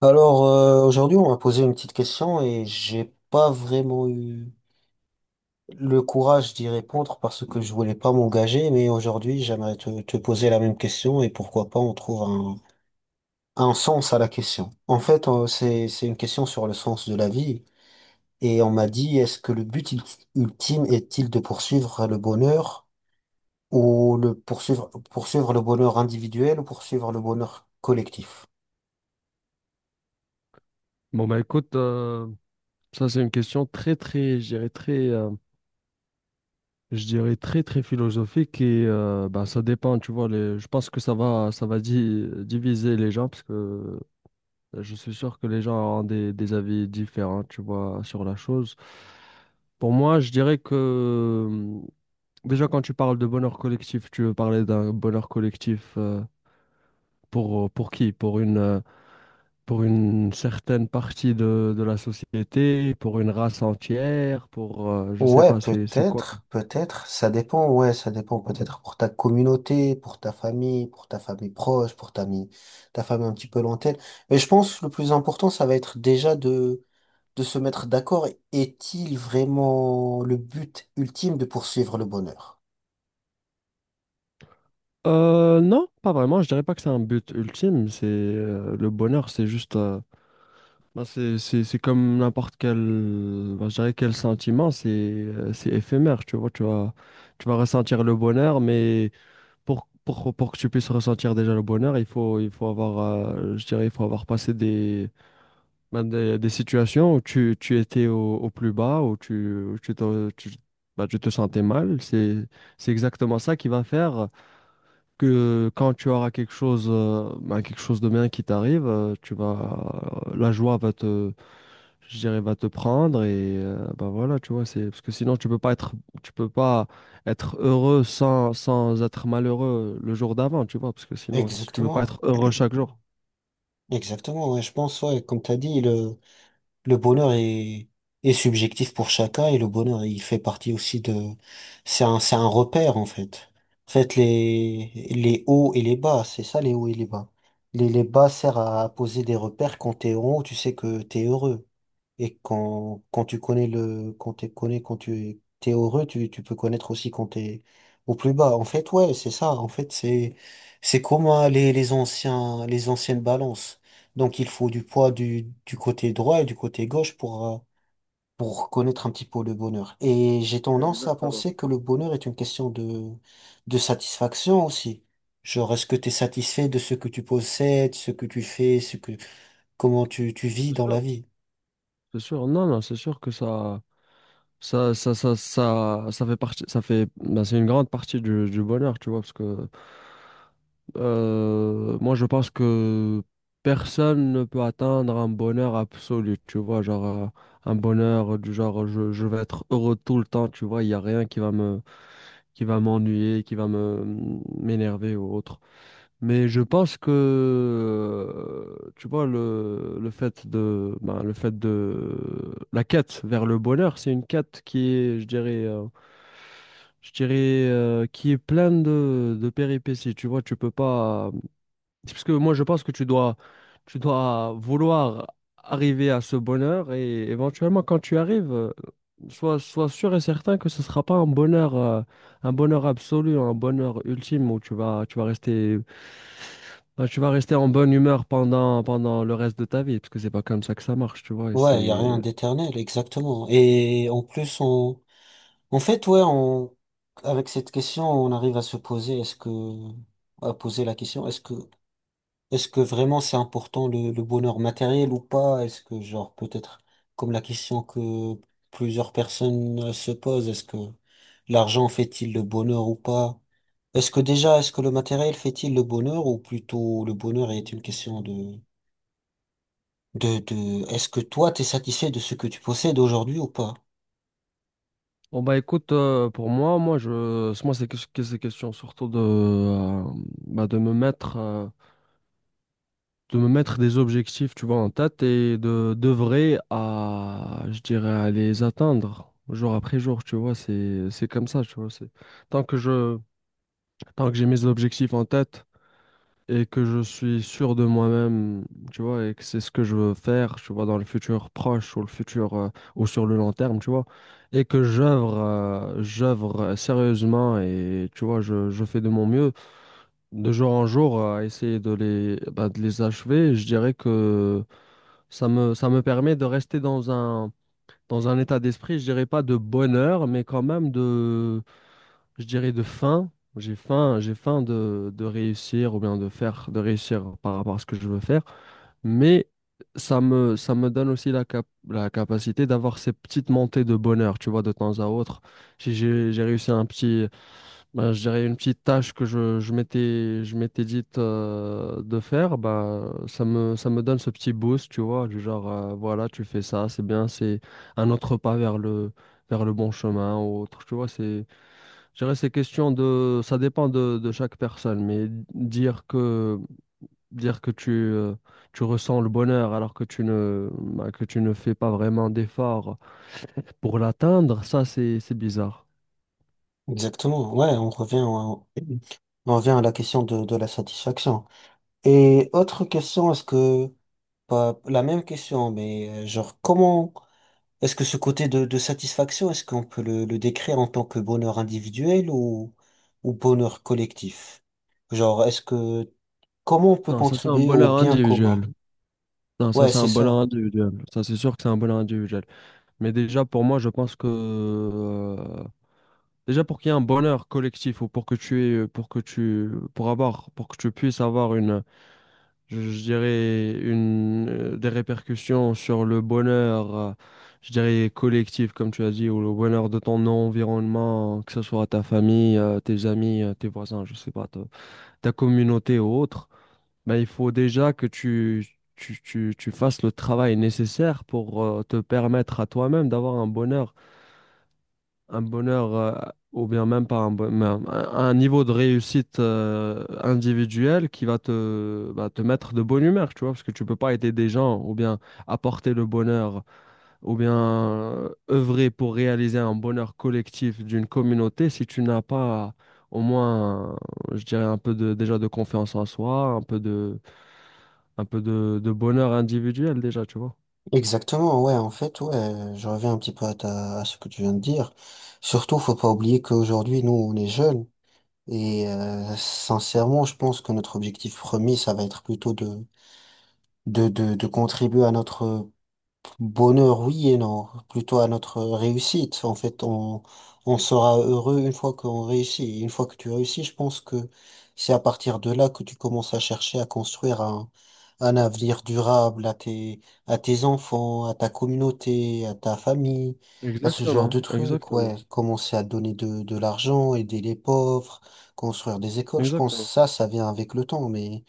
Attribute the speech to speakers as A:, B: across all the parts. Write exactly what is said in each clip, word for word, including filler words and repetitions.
A: Alors, euh, aujourd'hui, on m'a posé une petite question et j'ai pas vraiment eu le courage d'y répondre parce que je voulais pas m'engager, mais aujourd'hui, j'aimerais te, te poser la même question et pourquoi pas on trouve un, un sens à la question. En fait, euh, c'est, c'est une question sur le sens de la vie et on m'a dit, est-ce que le but ult- ultime est-il de poursuivre le bonheur ou le poursuivre, poursuivre le bonheur individuel ou poursuivre le bonheur collectif?
B: Bon bah écoute, euh, ça c'est une question très très, je dirais très, euh, je dirais très très philosophique et euh, bah ça dépend, tu vois. Les, je pense que ça va, ça va di- diviser les gens parce que je suis sûr que les gens ont des, des avis différents, tu vois, sur la chose. Pour moi, je dirais que euh, déjà quand tu parles de bonheur collectif, tu veux parler d'un bonheur collectif euh, pour pour qui? Pour une euh, pour une certaine partie de, de la société, pour une race entière, pour euh, je sais
A: Ouais,
B: pas, c'est c'est quoi quoi.
A: peut-être, peut-être, ça dépend, ouais, ça dépend peut-être pour ta communauté, pour ta famille, pour ta famille proche, pour ta, mi- ta famille un petit peu lointaine. Mais je pense que le plus important, ça va être déjà de, de se mettre d'accord. Est-il vraiment le but ultime de poursuivre le bonheur?
B: Euh, non, pas vraiment. Je dirais pas que c'est un but ultime. C'est euh, le bonheur, c'est juste. euh, bah, c'est c'est c'est comme n'importe quel. bah, je dirais quel sentiment. C'est euh, c'est éphémère. Tu vois, tu vas tu vas ressentir le bonheur, mais pour pour pour que tu puisses ressentir déjà le bonheur, il faut il faut avoir. euh, je dirais il faut avoir passé des Ben, des, des situations où tu, tu étais au, au plus bas, où tu, où tu te, tu- ben, tu te sentais mal, c'est, c'est exactement ça qui va faire que quand tu auras quelque chose, euh, ben, quelque chose de bien qui t'arrive, euh, tu vas, la joie va te, je dirais, va te prendre et euh, ben voilà, tu vois, c'est, parce que sinon tu peux pas être, tu peux pas être heureux sans, sans être malheureux le jour d'avant, tu vois, parce que sinon, si tu veux pas
A: Exactement.
B: être heureux chaque jour.
A: Exactement, ouais, je pense, ouais, comme tu as dit, le bonheur est, est subjectif pour chacun et le bonheur, il fait partie aussi de, c'est un, c'est un repère, en fait. En fait, les, les hauts et les bas, c'est ça, les hauts et les bas. Les, les bas servent à poser des repères. Quand t'es en haut, tu sais que t'es heureux. Et quand, quand tu connais le, quand tu connais, quand tu es, t'es heureux, tu, tu peux connaître aussi quand tu es au plus bas. En fait, ouais, c'est ça. En fait, c'est, c'est comme euh, les, les anciens, les anciennes balances. Donc, il faut du poids du, du côté droit et du côté gauche pour, euh, pour connaître un petit peu le bonheur. Et j'ai tendance à
B: Exactement.
A: penser que le bonheur est une question de, de satisfaction aussi. Genre, est-ce que tu es satisfait de ce que tu possèdes, ce que tu fais, ce que, comment tu, tu vis dans la vie?
B: C'est sûr, non, non, c'est sûr que ça, ça, ça, ça, ça, ça fait partie, ça fait, ben, c'est une grande partie du, du bonheur, tu vois, parce que euh, moi, je pense que personne ne peut atteindre un bonheur absolu, tu vois, genre euh, un bonheur du genre je, je vais être heureux tout le temps, tu vois, il n'y a rien qui va me, qui va m'ennuyer, qui va me m'énerver ou autre. Mais je pense que, euh, tu vois, le, le fait de, ben, le fait de, la quête vers le bonheur, c'est une quête qui est, je dirais, euh, je dirais, euh, qui est pleine de, de péripéties. Tu vois, tu peux pas, c'est Parce que moi, je pense que tu dois, tu dois vouloir arriver à ce bonheur et éventuellement, quand tu arrives, euh, sois, sois sûr et certain que ce ne sera pas un bonheur, euh, un bonheur absolu, un bonheur ultime où tu vas, tu vas rester, bah, tu vas rester en bonne humeur pendant, pendant le reste de ta vie, parce que c'est pas comme ça que ça marche, tu vois. Et
A: Ouais, il y a
B: c'est...
A: rien d'éternel, exactement. Et en plus, on, en fait, ouais, on, avec cette question, on arrive à se poser, est-ce que, à poser la question, est-ce que, est-ce que vraiment c'est important le, le bonheur matériel ou pas? Est-ce que, genre, peut-être, comme la question que plusieurs personnes euh, se posent, est-ce que l'argent fait-il le bonheur ou pas? Est-ce que déjà, est-ce que le matériel fait-il le bonheur ou plutôt le bonheur est une question de, de, de, est-ce que toi, t'es satisfait de ce que tu possèdes aujourd'hui ou pas?
B: Bon, bah écoute, euh, pour moi, moi, je, moi, c'est que, que ces questions surtout de, euh, bah, de me mettre. Euh, de me mettre des objectifs, tu vois, en tête et de d'œuvrer à, je dirais, à les atteindre jour après jour, tu vois, c'est c'est comme ça, tu vois, c'est tant que je tant que j'ai mes objectifs en tête et que je suis sûr de moi-même, tu vois, et que c'est ce que je veux faire, tu vois, dans le futur proche ou le futur euh, ou sur le long terme, tu vois, et que j'œuvre euh, j'œuvre sérieusement et tu vois, je je fais de mon mieux de jour en jour à essayer de les bah, de les achever, je dirais que ça me, ça me permet de rester dans un, dans un état d'esprit, je dirais pas de bonheur, mais quand même de, je dirais de faim. J'ai faim, j'ai faim de, de réussir ou bien de faire, de réussir par rapport à ce que je veux faire. Mais ça me, ça me donne aussi la cap- la capacité d'avoir ces petites montées de bonheur, tu vois, de temps à autre. Si j'ai, j'ai réussi un petit, bah, je dirais une petite tâche que je, je m'étais je m'étais dite euh, de faire, bah, ça me, ça me donne ce petit boost, tu vois, du genre, euh, voilà, tu fais ça, c'est bien, c'est un autre pas vers le, vers le bon chemin ou autre, tu vois, c'est, je dirais, c'est question de, ça dépend de, de chaque personne, mais dire que, dire que tu, euh, tu ressens le bonheur alors que tu ne, bah, que tu ne fais pas vraiment d'efforts pour l'atteindre, ça, c'est, c'est bizarre.
A: Exactement, ouais, on revient, au- on revient à la question de, de la satisfaction. Et autre question, est-ce que, pas la même question, mais euh, genre, comment, est-ce que ce côté de, de satisfaction, est-ce qu'on peut le, le décrire en tant que bonheur individuel ou, ou bonheur collectif? Genre, est-ce que, comment on peut
B: Non, ça, c'est un
A: contribuer au
B: bonheur
A: bien commun?
B: individuel. Non, ça
A: Ouais,
B: c'est
A: c'est
B: un ballon
A: ça.
B: individuel. Ça c'est sûr que c'est un ballon individuel. Mais déjà pour moi, je pense que euh, déjà pour qu'il y ait un bonheur collectif ou pour que tu aies, euh, pour que tu pour avoir pour que tu puisses avoir une je, je dirais une euh, des répercussions sur le bonheur euh, je dirais collectif comme tu as dit ou le bonheur de ton environnement, que ce soit ta famille, euh, tes amis, euh, tes voisins, je sais pas, ta ta communauté ou autre. Ben, il faut déjà que tu, tu, tu, tu fasses le travail nécessaire pour euh, te permettre à toi-même d'avoir un bonheur, un bonheur, euh, ou bien même pas un, bon- mais un, un niveau de réussite euh, individuel qui va te, bah, te mettre de bonne humeur, tu vois, parce que tu peux pas aider des gens, ou bien apporter le bonheur, ou bien euh, œuvrer pour réaliser un bonheur collectif d'une communauté si tu n'as pas au moins, je dirais, un peu de, déjà de confiance en soi, un peu de un peu de, de bonheur individuel déjà, tu vois.
A: Exactement, ouais, en fait, ouais, je reviens un petit peu à ta, à ce que tu viens de dire. Surtout, faut pas oublier qu'aujourd'hui, nous, on est jeunes. Et euh, sincèrement, je pense que notre objectif premier, ça va être plutôt de, de, de, de contribuer à notre bonheur, oui et non, plutôt à notre réussite. En fait, on, on sera heureux une fois qu'on réussit. Et une fois que tu réussis, je pense que c'est à partir de là que tu commences à chercher à construire un, un avenir durable à tes, à tes enfants, à ta communauté, à ta famille, à ce genre
B: Exactement,
A: de trucs,
B: exactement,
A: ouais. Commencer à donner de, de l'argent, aider les pauvres, construire des écoles. Je pense que
B: exactement.
A: ça, ça vient avec le temps. Mais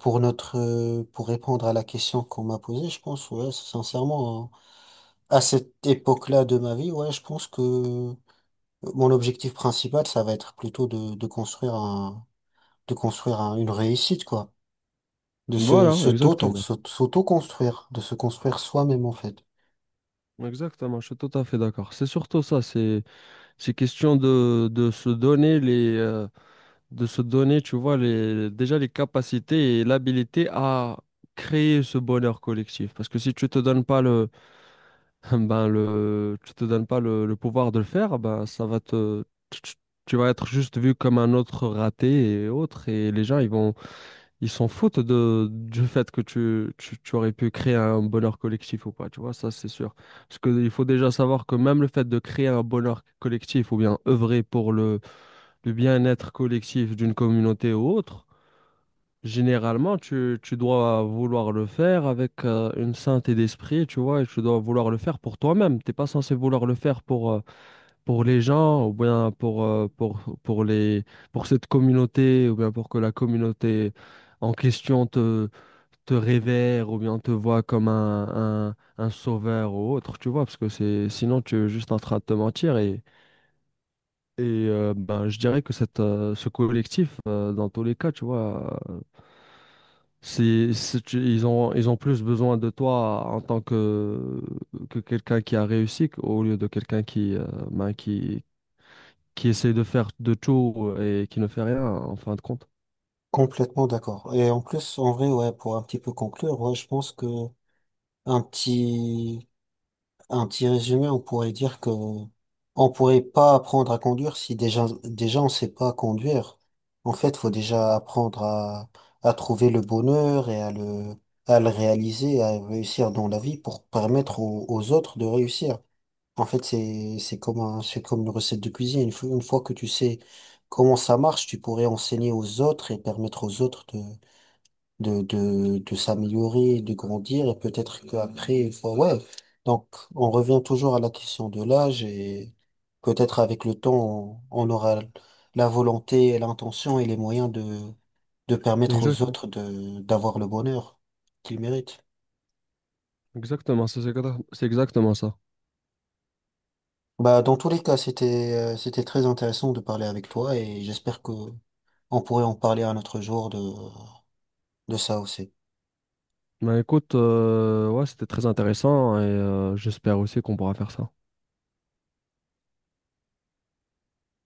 A: pour notre, euh, pour répondre à la question qu'on m'a posée, je pense, ouais, sincèrement, hein, à cette époque-là de ma vie, ouais, je pense que euh, mon objectif principal, ça va être plutôt de, de construire un, de construire un- une réussite, quoi, de se,
B: Voilà,
A: se t'auto,
B: exactement.
A: se- s'auto-construire, de se construire soi-même en fait.
B: Exactement, je suis tout à fait d'accord. C'est surtout ça, c'est c'est question de, de se donner les euh, de se donner, tu vois, les déjà les capacités et l'habilité à créer ce bonheur collectif. Parce que si tu te donnes pas le ben le tu te donnes pas le, le pouvoir de le faire, ben ça va te tu, tu- tu vas être juste vu comme un autre raté et autre et les gens ils vont ils s'en foutent de, du fait que tu, tu, tu aurais pu créer un bonheur collectif ou pas, tu vois, ça c'est sûr. Parce qu'il faut déjà savoir que même le fait de créer un bonheur collectif ou bien œuvrer pour le, le bien-être collectif d'une communauté ou autre, généralement tu, tu dois vouloir le faire avec euh, une sainteté d'esprit, tu vois, et tu dois vouloir le faire pour toi-même. T'es pas censé vouloir le faire pour, euh, pour les gens ou bien pour, euh, pour, pour les, pour cette communauté ou bien pour que la communauté en question te te révère ou bien te voit comme un, un, un sauveur ou autre, tu vois, parce que c'est sinon tu es juste en train de te mentir et, et euh, ben, je dirais que cette, euh, ce collectif, euh, dans tous les cas, tu vois, euh, c'est, c'est- tu- ils ont, ils ont plus besoin de toi en tant que, que quelqu'un qui a réussi qu- au lieu de quelqu'un qui, euh, ben, qui, qui essaie de faire de tout et qui ne fait rien en fin de compte.
A: Complètement d'accord. Et en plus, en vrai, ouais, pour un petit peu conclure, ouais, je pense que un petit, un petit résumé, on pourrait dire que on pourrait pas apprendre à conduire si déjà, déjà on sait pas conduire. En fait, faut déjà apprendre à, à trouver le bonheur et à le, à le réaliser, à réussir dans la vie pour permettre aux aux autres de réussir. En fait, c'est, c'est comme un- c'est comme une recette de cuisine. Une fois, une fois que tu sais comment ça marche, tu pourrais enseigner aux autres et permettre aux autres de, de, de, de s'améliorer, de grandir. Et peut-être qu'après, une fois, ouais. Donc, on revient toujours à la question de l'âge et peut-être avec le temps, on, on aura la volonté, l'intention et les moyens de, de permettre aux
B: Exactement,
A: autres de, d'avoir le bonheur qu'ils méritent.
B: exactement, c'est c'est exactement ça.
A: Bah, dans tous les cas, c'était, euh, c'était très intéressant de parler avec toi et j'espère que on pourrait en parler un autre jour de, de ça aussi.
B: Ben écoute, euh, ouais, c'était très intéressant et euh, j'espère aussi qu'on pourra faire ça.